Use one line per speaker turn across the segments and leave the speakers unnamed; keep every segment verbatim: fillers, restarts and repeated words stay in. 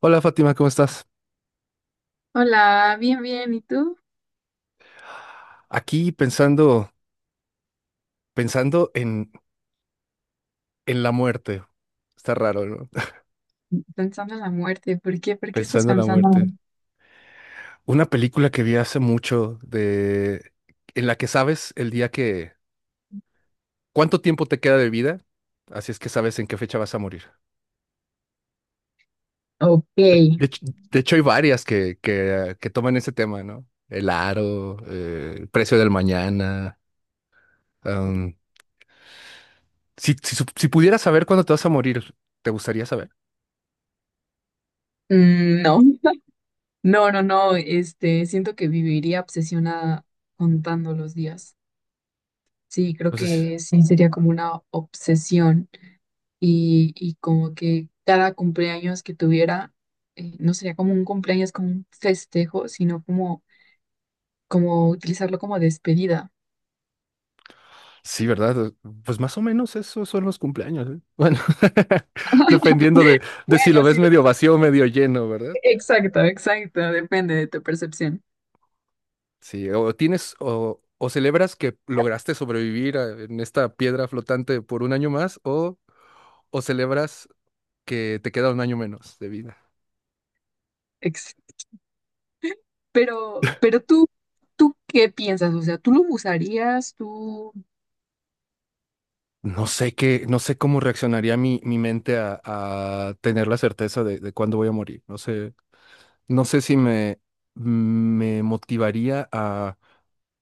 Hola Fátima, ¿cómo estás?
Hola, bien, bien. ¿Y tú?
Aquí pensando, pensando en, en la muerte. Está raro, ¿no?
Pensando en la muerte. ¿Por qué? ¿Por qué estás
Pensando en la
pensando?
muerte. Una película que vi hace mucho de en la que sabes el día que cuánto tiempo te queda de vida, así es que sabes en qué fecha vas a morir.
Ah, ok.
De hecho, de hecho hay varias que, que, que toman ese tema, ¿no? El aro, eh, el precio del mañana. Am, si, si, sup- si pudieras saber cuándo te vas a morir, ¿te gustaría saber?
Mm, no, no, no, no. Este, siento que viviría obsesionada contando los días. Sí, creo
No sé si-
que sí sería como una obsesión. Y, y como que cada cumpleaños que tuviera, eh, no sería como un cumpleaños, como un festejo, sino como, como utilizarlo como despedida.
Sí, ¿verdad? Pues más o menos esos son los cumpleaños, ¿eh? Bueno, dependiendo de, de si
Bueno,
lo ves
si lo
medio
ves
vacío o
así.
medio lleno, ¿verdad?
Exacto, exacto. Depende de tu percepción.
Sí, o tienes o, o celebras que lograste sobrevivir a- en esta piedra flotante por un año más o, o celebras que te queda un año menos de vida.
Pero, pero tú, ¿tú qué piensas? O sea, ¿tú lo usarías? ¿Tú,
No sé qué, no sé cómo reaccionaría mi, mi mente a, a tener la certeza de, de cuándo voy a morir. No sé. No sé si me, me motivaría a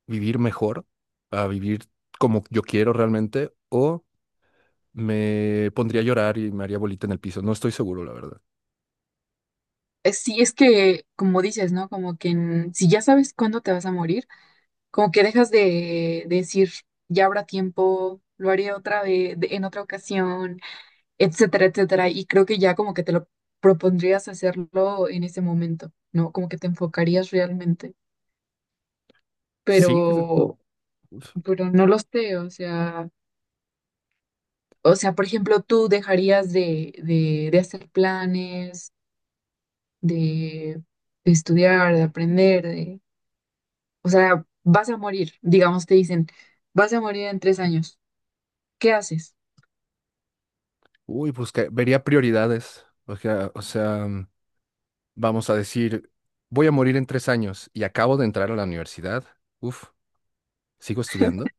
vivir mejor, a vivir como yo quiero realmente, o me pondría a llorar y me haría bolita en el piso. No estoy seguro, la verdad.
eh, si es que, como dices, ¿no? Como que en- si ya sabes cuándo te vas a morir, como que dejas de, de decir, ya habrá tiempo, lo haré otra vez, de- en otra ocasión, etcétera, etcétera. Y creo que ya como que te lo propondrías hacerlo en ese momento, ¿no? Como que te enfocarías realmente.
Sí, que-
Pero,
uf,
pero no lo sé, o sea. O sea, por ejemplo, tú dejarías de, de, de hacer planes, de, de estudiar, de aprender, de, o sea, vas a morir, digamos, te dicen, vas a morir en tres años. ¿Qué haces?
uy, pues que vería prioridades. O sea, o sea, vamos a decir, voy a morir en tres años y acabo de entrar a la universidad. Uf, sigo estudiando.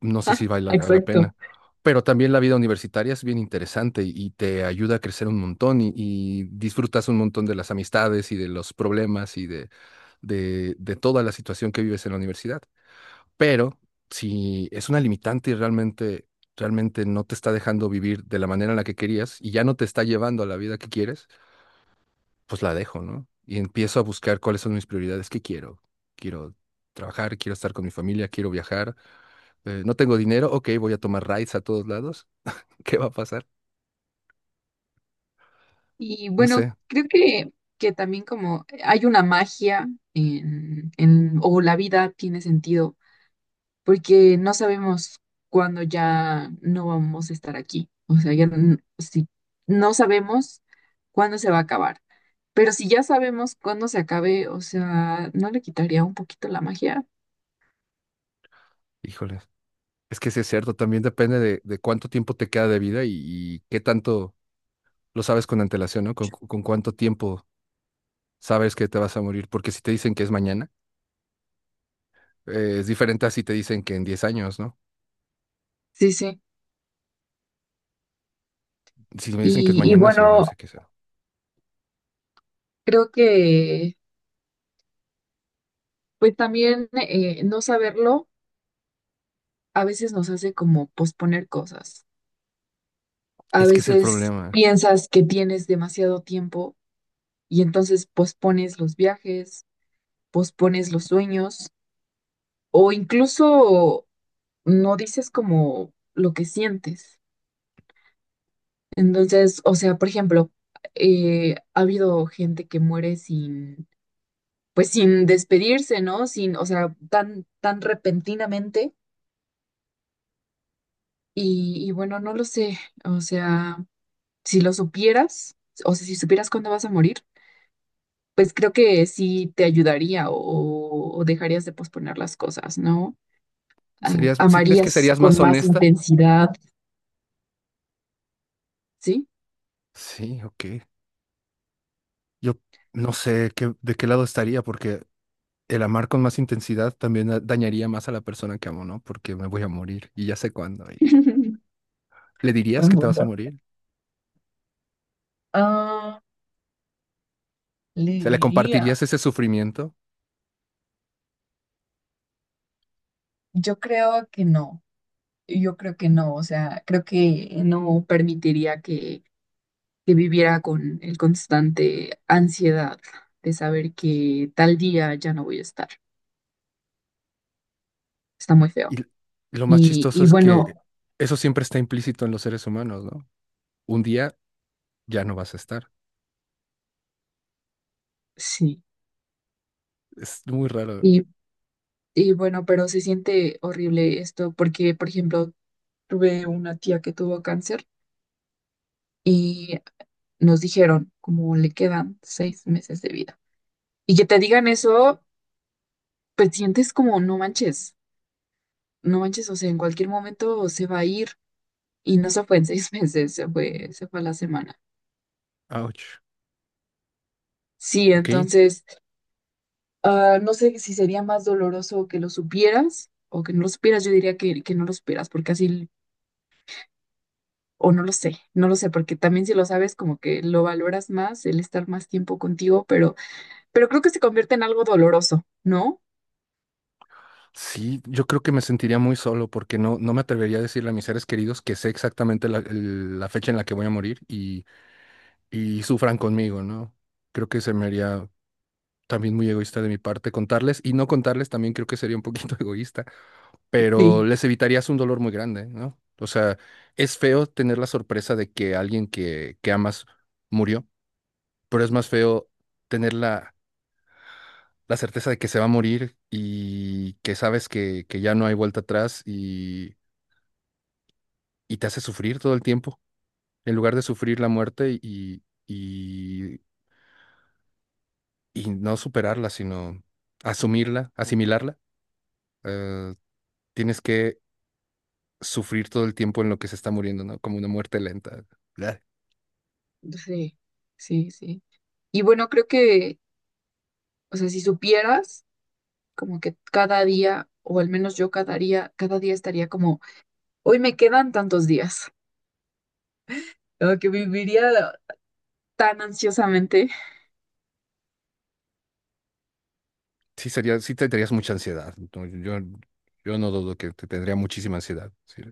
No sé si vale la la
Exacto.
pena. Pero también la vida universitaria es bien interesante y y te ayuda a crecer un montón y, y disfrutas un montón de las amistades y de los problemas y de, de, de toda la situación que vives en la universidad. Pero si es una limitante y realmente, realmente no te está dejando vivir de la manera en la que querías y ya no te está llevando a la vida que quieres, pues la dejo, ¿no? Y empiezo a buscar cuáles son mis prioridades, qué quiero. Quiero trabajar, quiero estar con mi familia, quiero viajar. Eh, no tengo dinero, ok, voy a tomar rides a todos lados. ¿Qué va a pasar?
Y
No
bueno,
sé,
creo que, que también como hay una magia en, en, o la vida tiene sentido, porque no sabemos cuándo ya no vamos a estar aquí. O sea, ya n- si no sabemos cuándo se va a acabar. Pero si ya sabemos cuándo se acabe, o sea, ¿no le quitaría un poquito la magia?
híjoles. Es que sí es cierto, también depende de, de cuánto tiempo te queda de vida y, y qué tanto lo sabes con antelación, ¿no? Con, con cuánto tiempo sabes que te vas a morir, porque si te dicen que es mañana, eh, es diferente a si te dicen que en diez años, ¿no?
Sí, sí.
Si me dicen que es
Y, y
mañana, sí, no
bueno,
sé qué sea.
creo que pues también eh, no saberlo a veces nos hace como posponer cosas. A
Es que es el
veces
problema.
piensas que tienes demasiado tiempo y entonces pospones los viajes, pospones los sueños o incluso no dices como lo que sientes. Entonces, o sea, por ejemplo, eh, ha habido gente que muere sin, pues sin despedirse, ¿no? Sin, o sea, tan, tan repentinamente. Y, y bueno, no lo sé, o sea, si lo supieras, o sea, si supieras cuándo vas a morir, pues creo que sí te ayudaría o, o dejarías de posponer las cosas, ¿no? Ay,
¿Serías, si crees que
amarías
serías más
con más
honesta?
intensidad, ¿sí?
Sí, ok. Yo no sé qué, de qué lado estaría, porque el amar con más intensidad también da- dañaría más a la persona que amo, ¿no? Porque me voy a morir y ya sé cuándo. Y- ¿Le dirías
Buen
que te vas a
punto.
morir?
Ah, le
¿Se le
diría,
compartirías ese sufrimiento?
yo creo que no, yo creo que no, o sea, creo que no permitiría que, que viviera con el constante ansiedad de saber que tal día ya no voy a estar. Está muy
Y
feo.
l- lo más
Y,
chistoso
y
es que
bueno,
eso siempre está implícito en los seres humanos, ¿no? Un día ya no vas a estar.
sí,
Es muy raro.
y, y bueno, pero se siente horrible esto porque, por ejemplo, tuve una tía que tuvo cáncer y nos dijeron como le quedan seis meses de vida. Y que te digan eso, pues sientes como no manches, no manches, o sea, en cualquier momento se va a ir y no se fue en seis meses, se fue, se fue a la semana.
Ouch.
Sí,
Ok.
entonces, ah, no sé si sería más doloroso que lo supieras o que no lo supieras, yo diría que, que no lo supieras, porque así. O no lo sé, no lo sé, porque también si lo sabes, como que lo valoras más, el estar más tiempo contigo, pero, pero, creo que se convierte en algo doloroso, ¿no?
Sí, yo creo que me sentiría muy solo porque no, no me atrevería a decirle a mis seres queridos que sé exactamente la, el- la fecha en la que voy a morir y y sufran conmigo, ¿no? Creo que se me haría también muy egoísta de mi parte contarles, y no contarles también creo que sería un poquito egoísta, pero
Sí,
les evitarías un dolor muy grande, ¿no? O sea, es feo tener la sorpresa de que alguien que, que amas murió, pero es más feo tener la, la certeza de que se va a morir y que sabes que, que ya no hay vuelta atrás y, y te hace sufrir todo el tiempo, en lugar de sufrir la muerte y, y y no superarla, sino asumirla, asimilarla. Eh, tienes que sufrir todo el tiempo en lo que se está muriendo, ¿no? Como una muerte lenta. Bleh.
sí, sí, sí. Y bueno, creo que, o sea, si supieras, como que cada día, o al menos yo cada día, cada día estaría como, hoy me quedan tantos días, o que viviría tan ansiosamente.
Sí, sería, sí tendrías mucha ansiedad, ¿no? Yo, yo no dudo que te tendría muchísima ansiedad. Sí.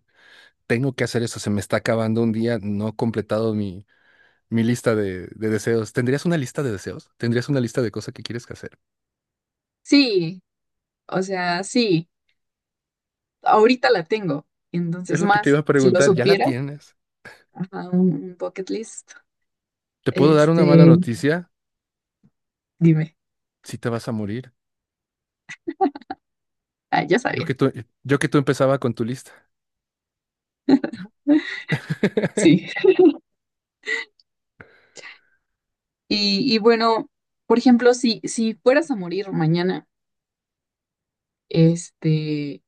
Tengo que hacer eso, se me está acabando un día, no he completado mi, mi lista de, de deseos. ¿Tendrías una lista de deseos? ¿Tendrías una lista de cosas que quieres que hacer?
Sí, o sea, sí, ahorita la tengo,
Es
entonces
lo que te iba
más,
a
si lo
preguntar, ya la
supiera,
tienes.
ajá, un un bucket list.
¿Te puedo dar una mala
Este,
noticia?
dime.
Si te vas a morir.
Ah, ya
Yo que
sabía.
tú, yo que tú empezaba con tu lista.
Sí. Y, y bueno, por ejemplo, si, si fueras a morir mañana, este,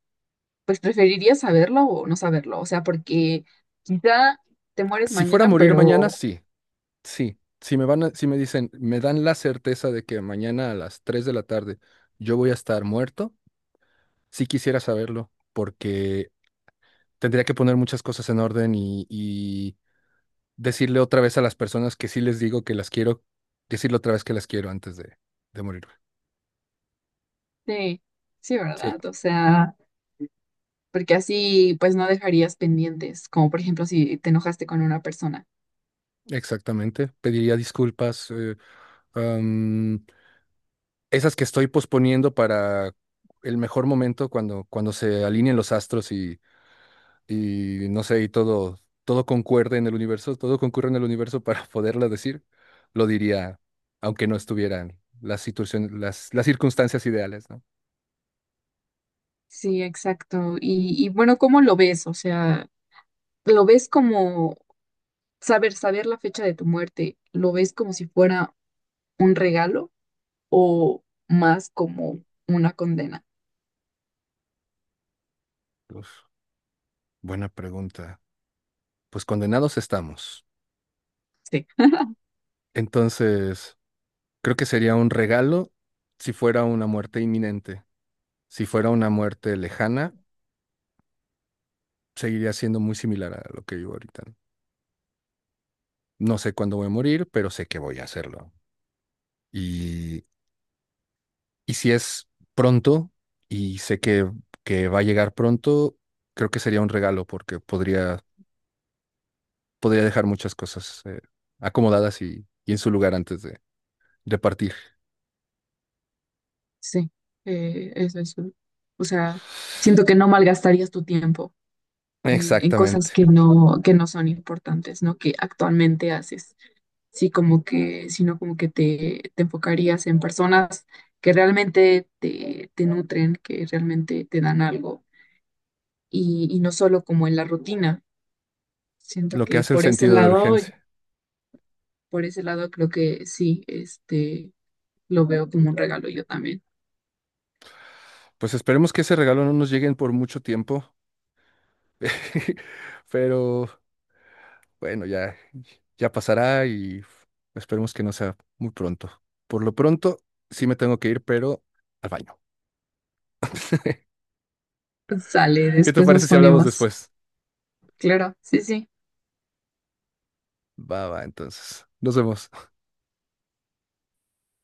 pues preferirías saberlo o no saberlo. O sea, porque quizá te mueres
Si fuera a
mañana,
morir mañana,
pero
sí, sí. Si me van a- si me dicen, me dan la certeza de que mañana a las tres de la tarde yo voy a estar muerto, sí quisiera saberlo, porque tendría que poner muchas cosas en orden y, y decirle otra vez a las personas que sí les digo que las quiero, decirle otra vez que las quiero antes de, de morir.
sí, sí,
Sí,
¿verdad? O sea, porque así pues no dejarías pendientes, como por ejemplo si te enojaste con una persona.
exactamente. Pediría disculpas, eh, am, esas que estoy posponiendo para el mejor momento cuando, cuando, se alineen los astros y no sé, y todo, todo concuerde en el universo, todo concurre en el universo para poderla decir, lo diría, aunque no estuvieran las situaciones, las, las circunstancias ideales, ¿no?
Sí, exacto. Y, y bueno, ¿cómo lo ves? O sea, ¿lo ves como saber, saber la fecha de tu muerte? ¿Lo ves como si fuera un regalo o más como una condena?
Uf, buena pregunta. Pues condenados estamos.
Sí,
Entonces, creo que sería un regalo si fuera una muerte inminente. Si fuera una muerte lejana, seguiría siendo muy similar a lo que vivo ahorita. No No sé cuándo voy a morir, pero sé que voy a hacerlo. Y, y si es pronto, y sé que, que, va a llegar pronto, creo que sería un regalo porque podría, podría dejar muchas cosas, eh, acomodadas y, y en su lugar antes de, de partir.
sí, eh, eso es. un- O sea, siento que no malgastarías tu tiempo en, en cosas
Exactamente.
que no, que no son importantes, ¿no? Que actualmente haces. Sí, como que, sino como que te, te enfocarías en personas que realmente te, te nutren, que realmente te dan algo y, y no solo como en la rutina. Siento
Lo que
que
hace el
por ese
sentido de
lado,
urgencia.
por ese lado creo que sí, este lo veo como un regalo yo también.
Pues esperemos que ese regalo no nos lleguen por mucho tiempo, pero bueno, ya, ya, pasará y esperemos que no sea muy pronto. Por lo pronto, sí me tengo que ir, pero al baño.
Sale,
¿Qué te
después
parece
nos
si hablamos
ponemos.
después?
Claro, sí, sí.
Va, va, entonces. Nos vemos.